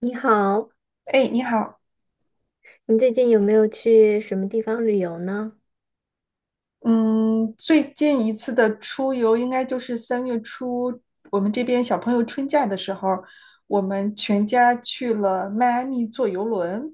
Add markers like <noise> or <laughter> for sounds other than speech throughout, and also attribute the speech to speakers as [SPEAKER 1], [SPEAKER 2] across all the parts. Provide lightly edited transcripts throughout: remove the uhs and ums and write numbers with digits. [SPEAKER 1] 你好，
[SPEAKER 2] 哎，你好，
[SPEAKER 1] 你最近有没有去什么地方旅游呢？
[SPEAKER 2] 嗯，最近一次的出游应该就是3月初，我们这边小朋友春假的时候，我们全家去了迈阿密坐游轮。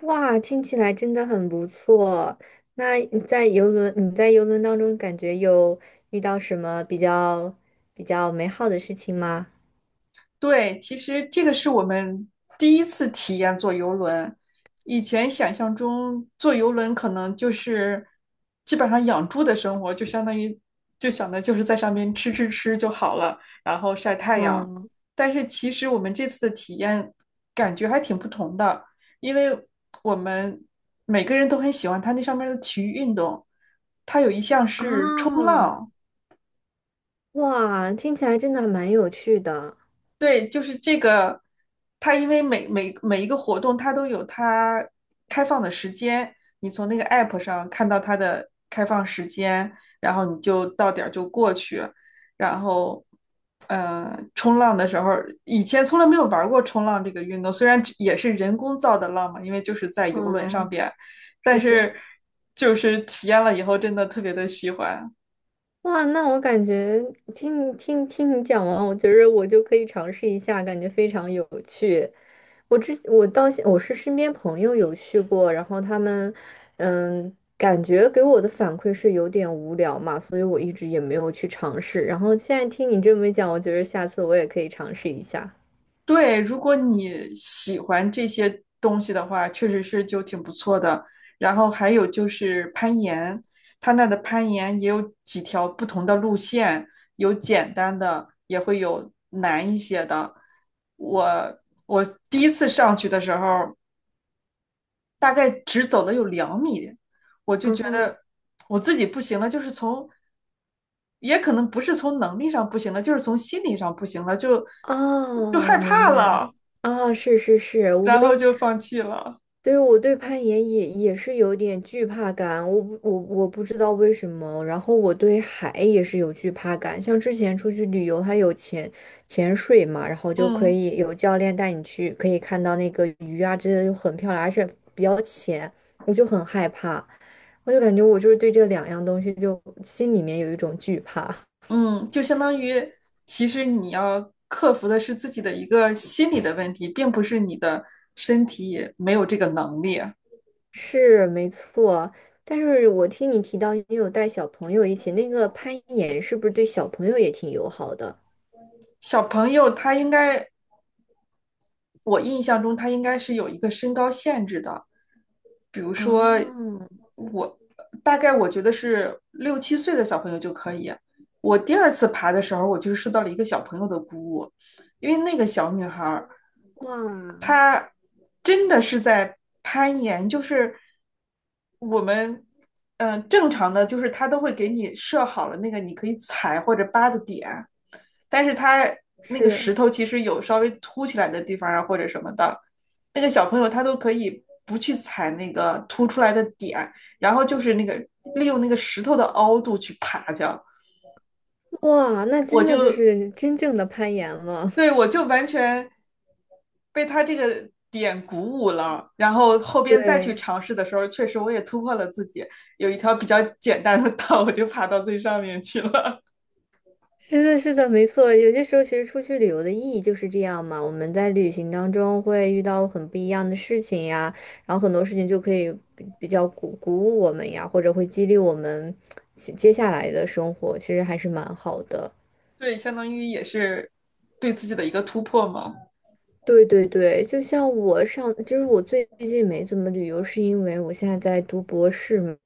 [SPEAKER 1] 哇，听起来真的很不错。那你在游轮，你在游轮当中感觉有遇到什么比较美好的事情吗？
[SPEAKER 2] 对，其实这个是我们第一次体验坐游轮。以前想象中坐游轮可能就是基本上养猪的生活，就相当于就想的就是在上面吃吃吃就好了，然后晒太阳。
[SPEAKER 1] 哦
[SPEAKER 2] 但是其实我们这次的体验感觉还挺不同的，因为我们每个人都很喜欢它那上面的体育运动，它有一项是冲
[SPEAKER 1] 啊，
[SPEAKER 2] 浪，
[SPEAKER 1] 哇，听起来真的还蛮有趣的。
[SPEAKER 2] 对，就是这个，它因为每一个活动，它都有它开放的时间，你从那个 app 上看到它的开放时间，然后你就到点儿就过去，然后，冲浪的时候，以前从来没有玩过冲浪这个运动，虽然只也是人工造的浪嘛，因为就是在游轮上
[SPEAKER 1] 嗯，
[SPEAKER 2] 边，但
[SPEAKER 1] 是是。
[SPEAKER 2] 是就是体验了以后，真的特别的喜欢。
[SPEAKER 1] 哇，那我感觉听你讲完，我觉得我就可以尝试一下，感觉非常有趣。我之我到现我是身边朋友有去过，然后他们，嗯，感觉给我的反馈是有点无聊嘛，所以我一直也没有去尝试。然后现在听你这么一讲，我觉得下次我也可以尝试一下。
[SPEAKER 2] 对，如果你喜欢这些东西的话，确实是就挺不错的。然后还有就是攀岩，它那儿的攀岩也有几条不同的路线，有简单的，也会有难一些的。我我第一次上去的时候，大概只走了有2米，我就
[SPEAKER 1] 嗯
[SPEAKER 2] 觉
[SPEAKER 1] 哼，
[SPEAKER 2] 得我自己不行了，就是从，也可能不是从能力上不行了，就是从心理上不行了，就
[SPEAKER 1] 哦，
[SPEAKER 2] 害
[SPEAKER 1] 明
[SPEAKER 2] 怕
[SPEAKER 1] 白。
[SPEAKER 2] 了。
[SPEAKER 1] 啊，是是是，
[SPEAKER 2] 然
[SPEAKER 1] 我
[SPEAKER 2] 后
[SPEAKER 1] 也
[SPEAKER 2] 就放弃了。
[SPEAKER 1] 对，我对攀岩也是有点惧怕感，我不知道为什么。然后我对海也是有惧怕感，像之前出去旅游，它有潜水嘛，然后就可
[SPEAKER 2] 嗯
[SPEAKER 1] 以有教练带你去，可以看到那个鱼啊之类的，就很漂亮，而且比较浅，我就很害怕，我就感觉我就是对这两样东西就心里面有一种惧怕。
[SPEAKER 2] 嗯，就相当于其实你要克服的是自己的一个心理的问题，并不是你的身体没有这个能力。
[SPEAKER 1] 是，没错。但是我听你提到你有带小朋友一起，那个攀岩是不是对小朋友也挺友好的？
[SPEAKER 2] 小朋友他应该，我印象中他应该是有一个身高限制的，比如说
[SPEAKER 1] 哦，
[SPEAKER 2] 我大概我觉得是六七岁的小朋友就可以。我第二次爬的时候，我就受到了一个小朋友的鼓舞，因为那个小女孩
[SPEAKER 1] 哇，
[SPEAKER 2] 她真的是在攀岩，就是我们正常的，就是她都会给你设好了那个你可以踩或者扒的点，但是她那个
[SPEAKER 1] 是，
[SPEAKER 2] 石头其实有稍微凸起来的地方啊或者什么的，那个小朋友他都可以不去踩那个凸出来的点，然后就是那个利用那个石头的凹度去爬这样。
[SPEAKER 1] 哇，那
[SPEAKER 2] 我
[SPEAKER 1] 真的就
[SPEAKER 2] 就
[SPEAKER 1] 是真正的攀岩了。
[SPEAKER 2] 对，
[SPEAKER 1] <laughs>
[SPEAKER 2] 我就完全被他这个点鼓舞了，然后后边再去
[SPEAKER 1] 对，
[SPEAKER 2] 尝试的时候，确实我也突破了自己，有一条比较简单的道，我就爬到最上面去了。
[SPEAKER 1] 是的，是的，没错。有些时候，其实出去旅游的意义就是这样嘛。我们在旅行当中会遇到很不一样的事情呀，然后很多事情就可以比较鼓舞我们呀，或者会激励我们接下来的生活，其实还是蛮好的。
[SPEAKER 2] <laughs> 对，相当于也是对自己的一个突破嘛。
[SPEAKER 1] 对对对，就是我最近没怎么旅游，是因为我现在在读博士嘛。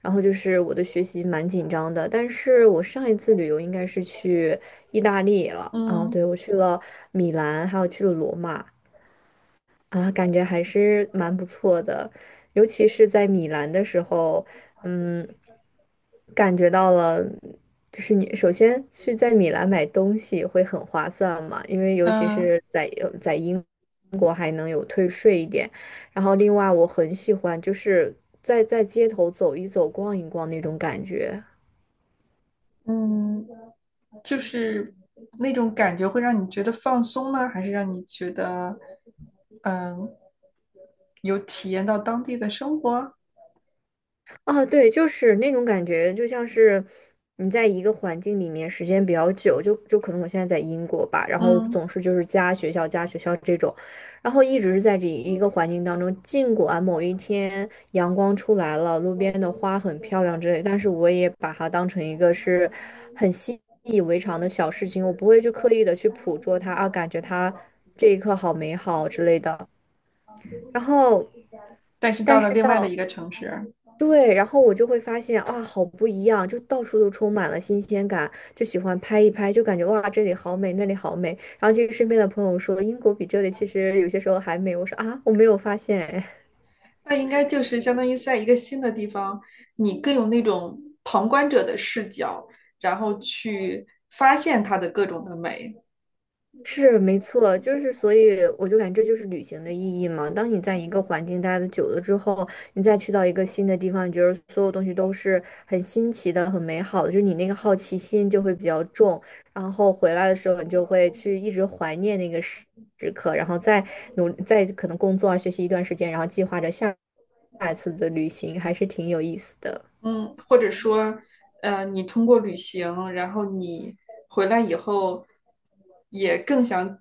[SPEAKER 1] 然后就是我的学习蛮紧张的，但是我上一次旅游应该是去意大利了啊，
[SPEAKER 2] 嗯
[SPEAKER 1] 对，我去了米兰，还有去了罗马，啊，感觉还是蛮不错的，尤其是在米兰的时候，嗯，感觉到了，就是你首先是在米兰买东西会很划算嘛，因为尤其
[SPEAKER 2] 嗯
[SPEAKER 1] 是在英国还能有退税一点，然后另外我很喜欢就是在街头走一走、逛一逛那种感觉。
[SPEAKER 2] 嗯，就是那种感觉会让你觉得放松呢，还是让你觉得嗯有体验到当地的生活？
[SPEAKER 1] 哦，对，就是那种感觉，就像是你在一个环境里面时间比较久，就可能我现在在英国吧，然后
[SPEAKER 2] 嗯，
[SPEAKER 1] 总是就是家学校家学校这种，然后一直是在这一个环境当中，尽管某一天阳光出来了，路边的花很漂亮之类，但是我也把它当成一个是很习以为常的小事情，我不会去刻意的去捕捉它啊，感觉它这一刻好美好之类的，然后
[SPEAKER 2] 但是到
[SPEAKER 1] 但
[SPEAKER 2] 了
[SPEAKER 1] 是
[SPEAKER 2] 另外的
[SPEAKER 1] 到。
[SPEAKER 2] 一个城市，
[SPEAKER 1] 对，然后我就会发现哇，好不一样，就到处都充满了新鲜感，就喜欢拍一拍，就感觉哇，这里好美，那里好美。然后其实身边的朋友说，英国比这里其实有些时候还美，我说啊，我没有发现。
[SPEAKER 2] 那应该就是相当于在一个新的地方，你更有那种旁观者的视角，然后去发现它的各种的美。
[SPEAKER 1] 是没错，就是所以我就感觉这就是旅行的意义嘛。当你在一个环境待的久了之后，你再去到一个新的地方，你觉得所有东西都是很新奇的、很美好的，就是你那个好奇心就会比较重，然后回来的时候你就会去一直怀念那个时刻，然后再可能工作啊、学习一段时间，然后计划着下一次的旅行，还是挺有意思的。
[SPEAKER 2] 嗯，或者说，你通过旅行，然后你回来以后，也更想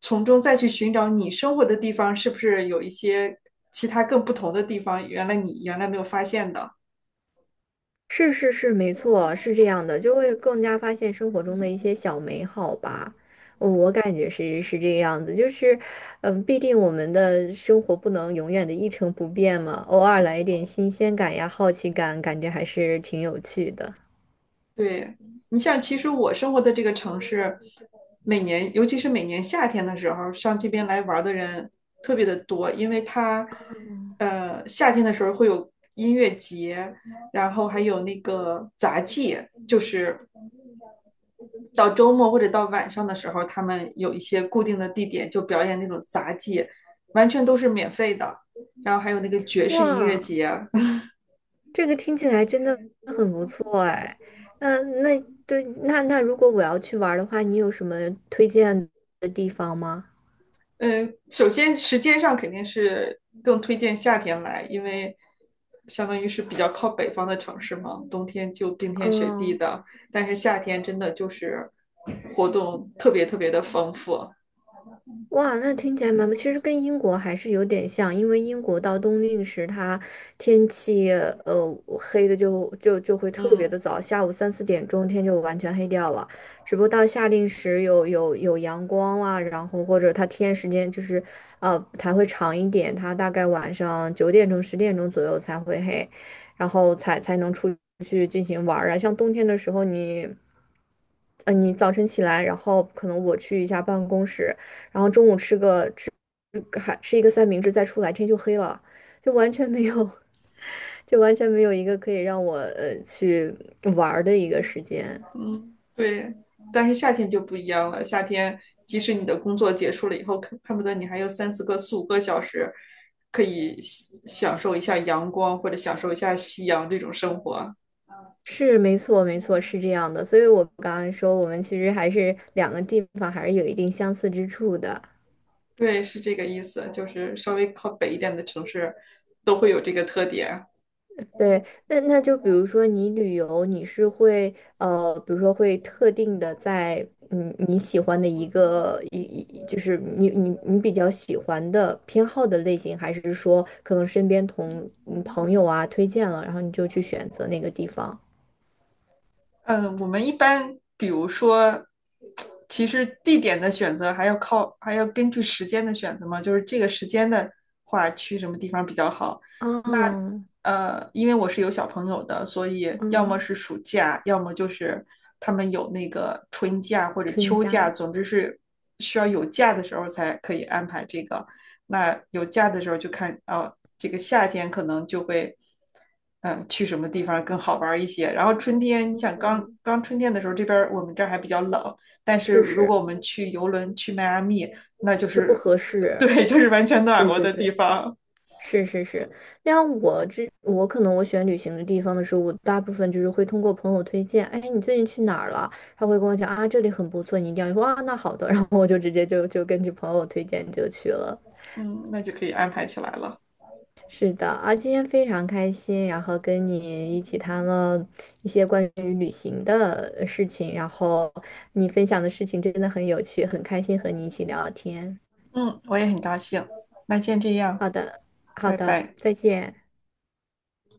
[SPEAKER 2] 从中再去寻找你生活的地方是不是有一些其他更不同的地方，原来你原来没有发现的。
[SPEAKER 1] 是是是，没错，是这样的，就会更加发现生活中的一些小美好吧。我感觉是这个样子，就是，嗯，毕竟我们的生活不能永远的一成不变嘛，偶尔来一点新鲜感呀、好奇感，感觉还是挺有趣的。
[SPEAKER 2] 对，你像其实我生活的这个城市，每年尤其是每年夏天的时候，上这边来玩的人特别的多，因为它，夏天的时候会有音乐节，然后还有那个杂技，就是到周末或者到晚上的时候，他们有一些固定的地点就表演那种杂技，完全都是免费的。然后还有那个爵士音乐
[SPEAKER 1] 哇，
[SPEAKER 2] 节，
[SPEAKER 1] 这个听起来真的很不错哎。那对，那如果我要去玩儿的话，你有什么推荐的地方吗？
[SPEAKER 2] 嗯，首先时间上肯定是更推荐夏天来，因为相当于是比较靠北方的城市嘛，冬天就冰天雪地
[SPEAKER 1] 嗯。
[SPEAKER 2] 的，但是夏天真的就是活动特别特别的丰富，
[SPEAKER 1] 哇，那听起来蛮不，其实跟英国还是有点像，因为英国到冬令时，它天气黑的就会特别
[SPEAKER 2] 嗯。
[SPEAKER 1] 的早，下午三四点钟天就完全黑掉了。只不过到夏令时有阳光啦，然后或者它天时间就是它会长一点，它大概晚上九点钟十点钟左右才会黑，然后才能出去进行玩儿啊。像冬天的时候你。呃，你早晨起来，然后可能我去一下办公室，还吃一个三明治，再出来天就黑了，就完全没有，<laughs> 就完全没有一个可以让我去玩儿的一个时间。
[SPEAKER 2] 嗯，对，但是夏天就不一样了。夏天，即使你的工作结束了以后，可恨不得你还有三四个、四五个小时，可以享受一下阳光或者享受一下夕阳这种生活。
[SPEAKER 1] 是，没错，没错，是这样的。所以我刚刚说，我们其实还是两个地方还是有一定相似之处的。
[SPEAKER 2] 对，是这个意思，就是稍微靠北一点的城市都会有这个特点。
[SPEAKER 1] 对，那就比如说你旅游，你是会，比如说会特定的在嗯你喜欢的一个一一就是你比较喜欢的偏好的类型，还是说可能身边朋友啊推荐了，然后你就去选择那个地方？
[SPEAKER 2] 嗯，我们一般比如说，其实地点的选择还要靠，还要根据时间的选择嘛，就是这个时间的话，去什么地方比较好。
[SPEAKER 1] 啊
[SPEAKER 2] 因为我是有小朋友的，所以要么
[SPEAKER 1] 嗯，
[SPEAKER 2] 是暑假，要么就是他们有那个春假或者
[SPEAKER 1] 春
[SPEAKER 2] 秋
[SPEAKER 1] 假
[SPEAKER 2] 假，
[SPEAKER 1] 的，
[SPEAKER 2] 总之是需要有假的时候才可以安排这个。那有假的时候就看，哦，这个夏天可能就会，去什么地方更好玩一些。然后春天，你想刚
[SPEAKER 1] 嗯，
[SPEAKER 2] 刚春天的时候，这边儿我们这儿还比较冷，但是
[SPEAKER 1] 是
[SPEAKER 2] 如
[SPEAKER 1] 是
[SPEAKER 2] 果我们去游轮去迈阿密，那就
[SPEAKER 1] 就不
[SPEAKER 2] 是，
[SPEAKER 1] 合
[SPEAKER 2] <laughs>
[SPEAKER 1] 适，
[SPEAKER 2] 对，就是完全暖
[SPEAKER 1] 对
[SPEAKER 2] 和
[SPEAKER 1] 对
[SPEAKER 2] 的地
[SPEAKER 1] 对。
[SPEAKER 2] 方，
[SPEAKER 1] 是是是，那样我可能我选旅行的地方的时候，我大部分就是会通过朋友推荐，哎，你最近去哪儿了？他会跟我讲啊，这里很不错，你一定要去。哇，啊那好的，然后我就直接就根据朋友推荐就去了。
[SPEAKER 2] 嗯，那就可以安排起来了。
[SPEAKER 1] 是的啊，今天非常开心，然后跟你一起谈了一些关于旅行的事情，然后你分享的事情真的很有趣，很开心和你一起聊天。
[SPEAKER 2] 嗯，我也很高兴。那先这样，
[SPEAKER 1] 好的，好
[SPEAKER 2] 拜
[SPEAKER 1] 的，
[SPEAKER 2] 拜。
[SPEAKER 1] 再见。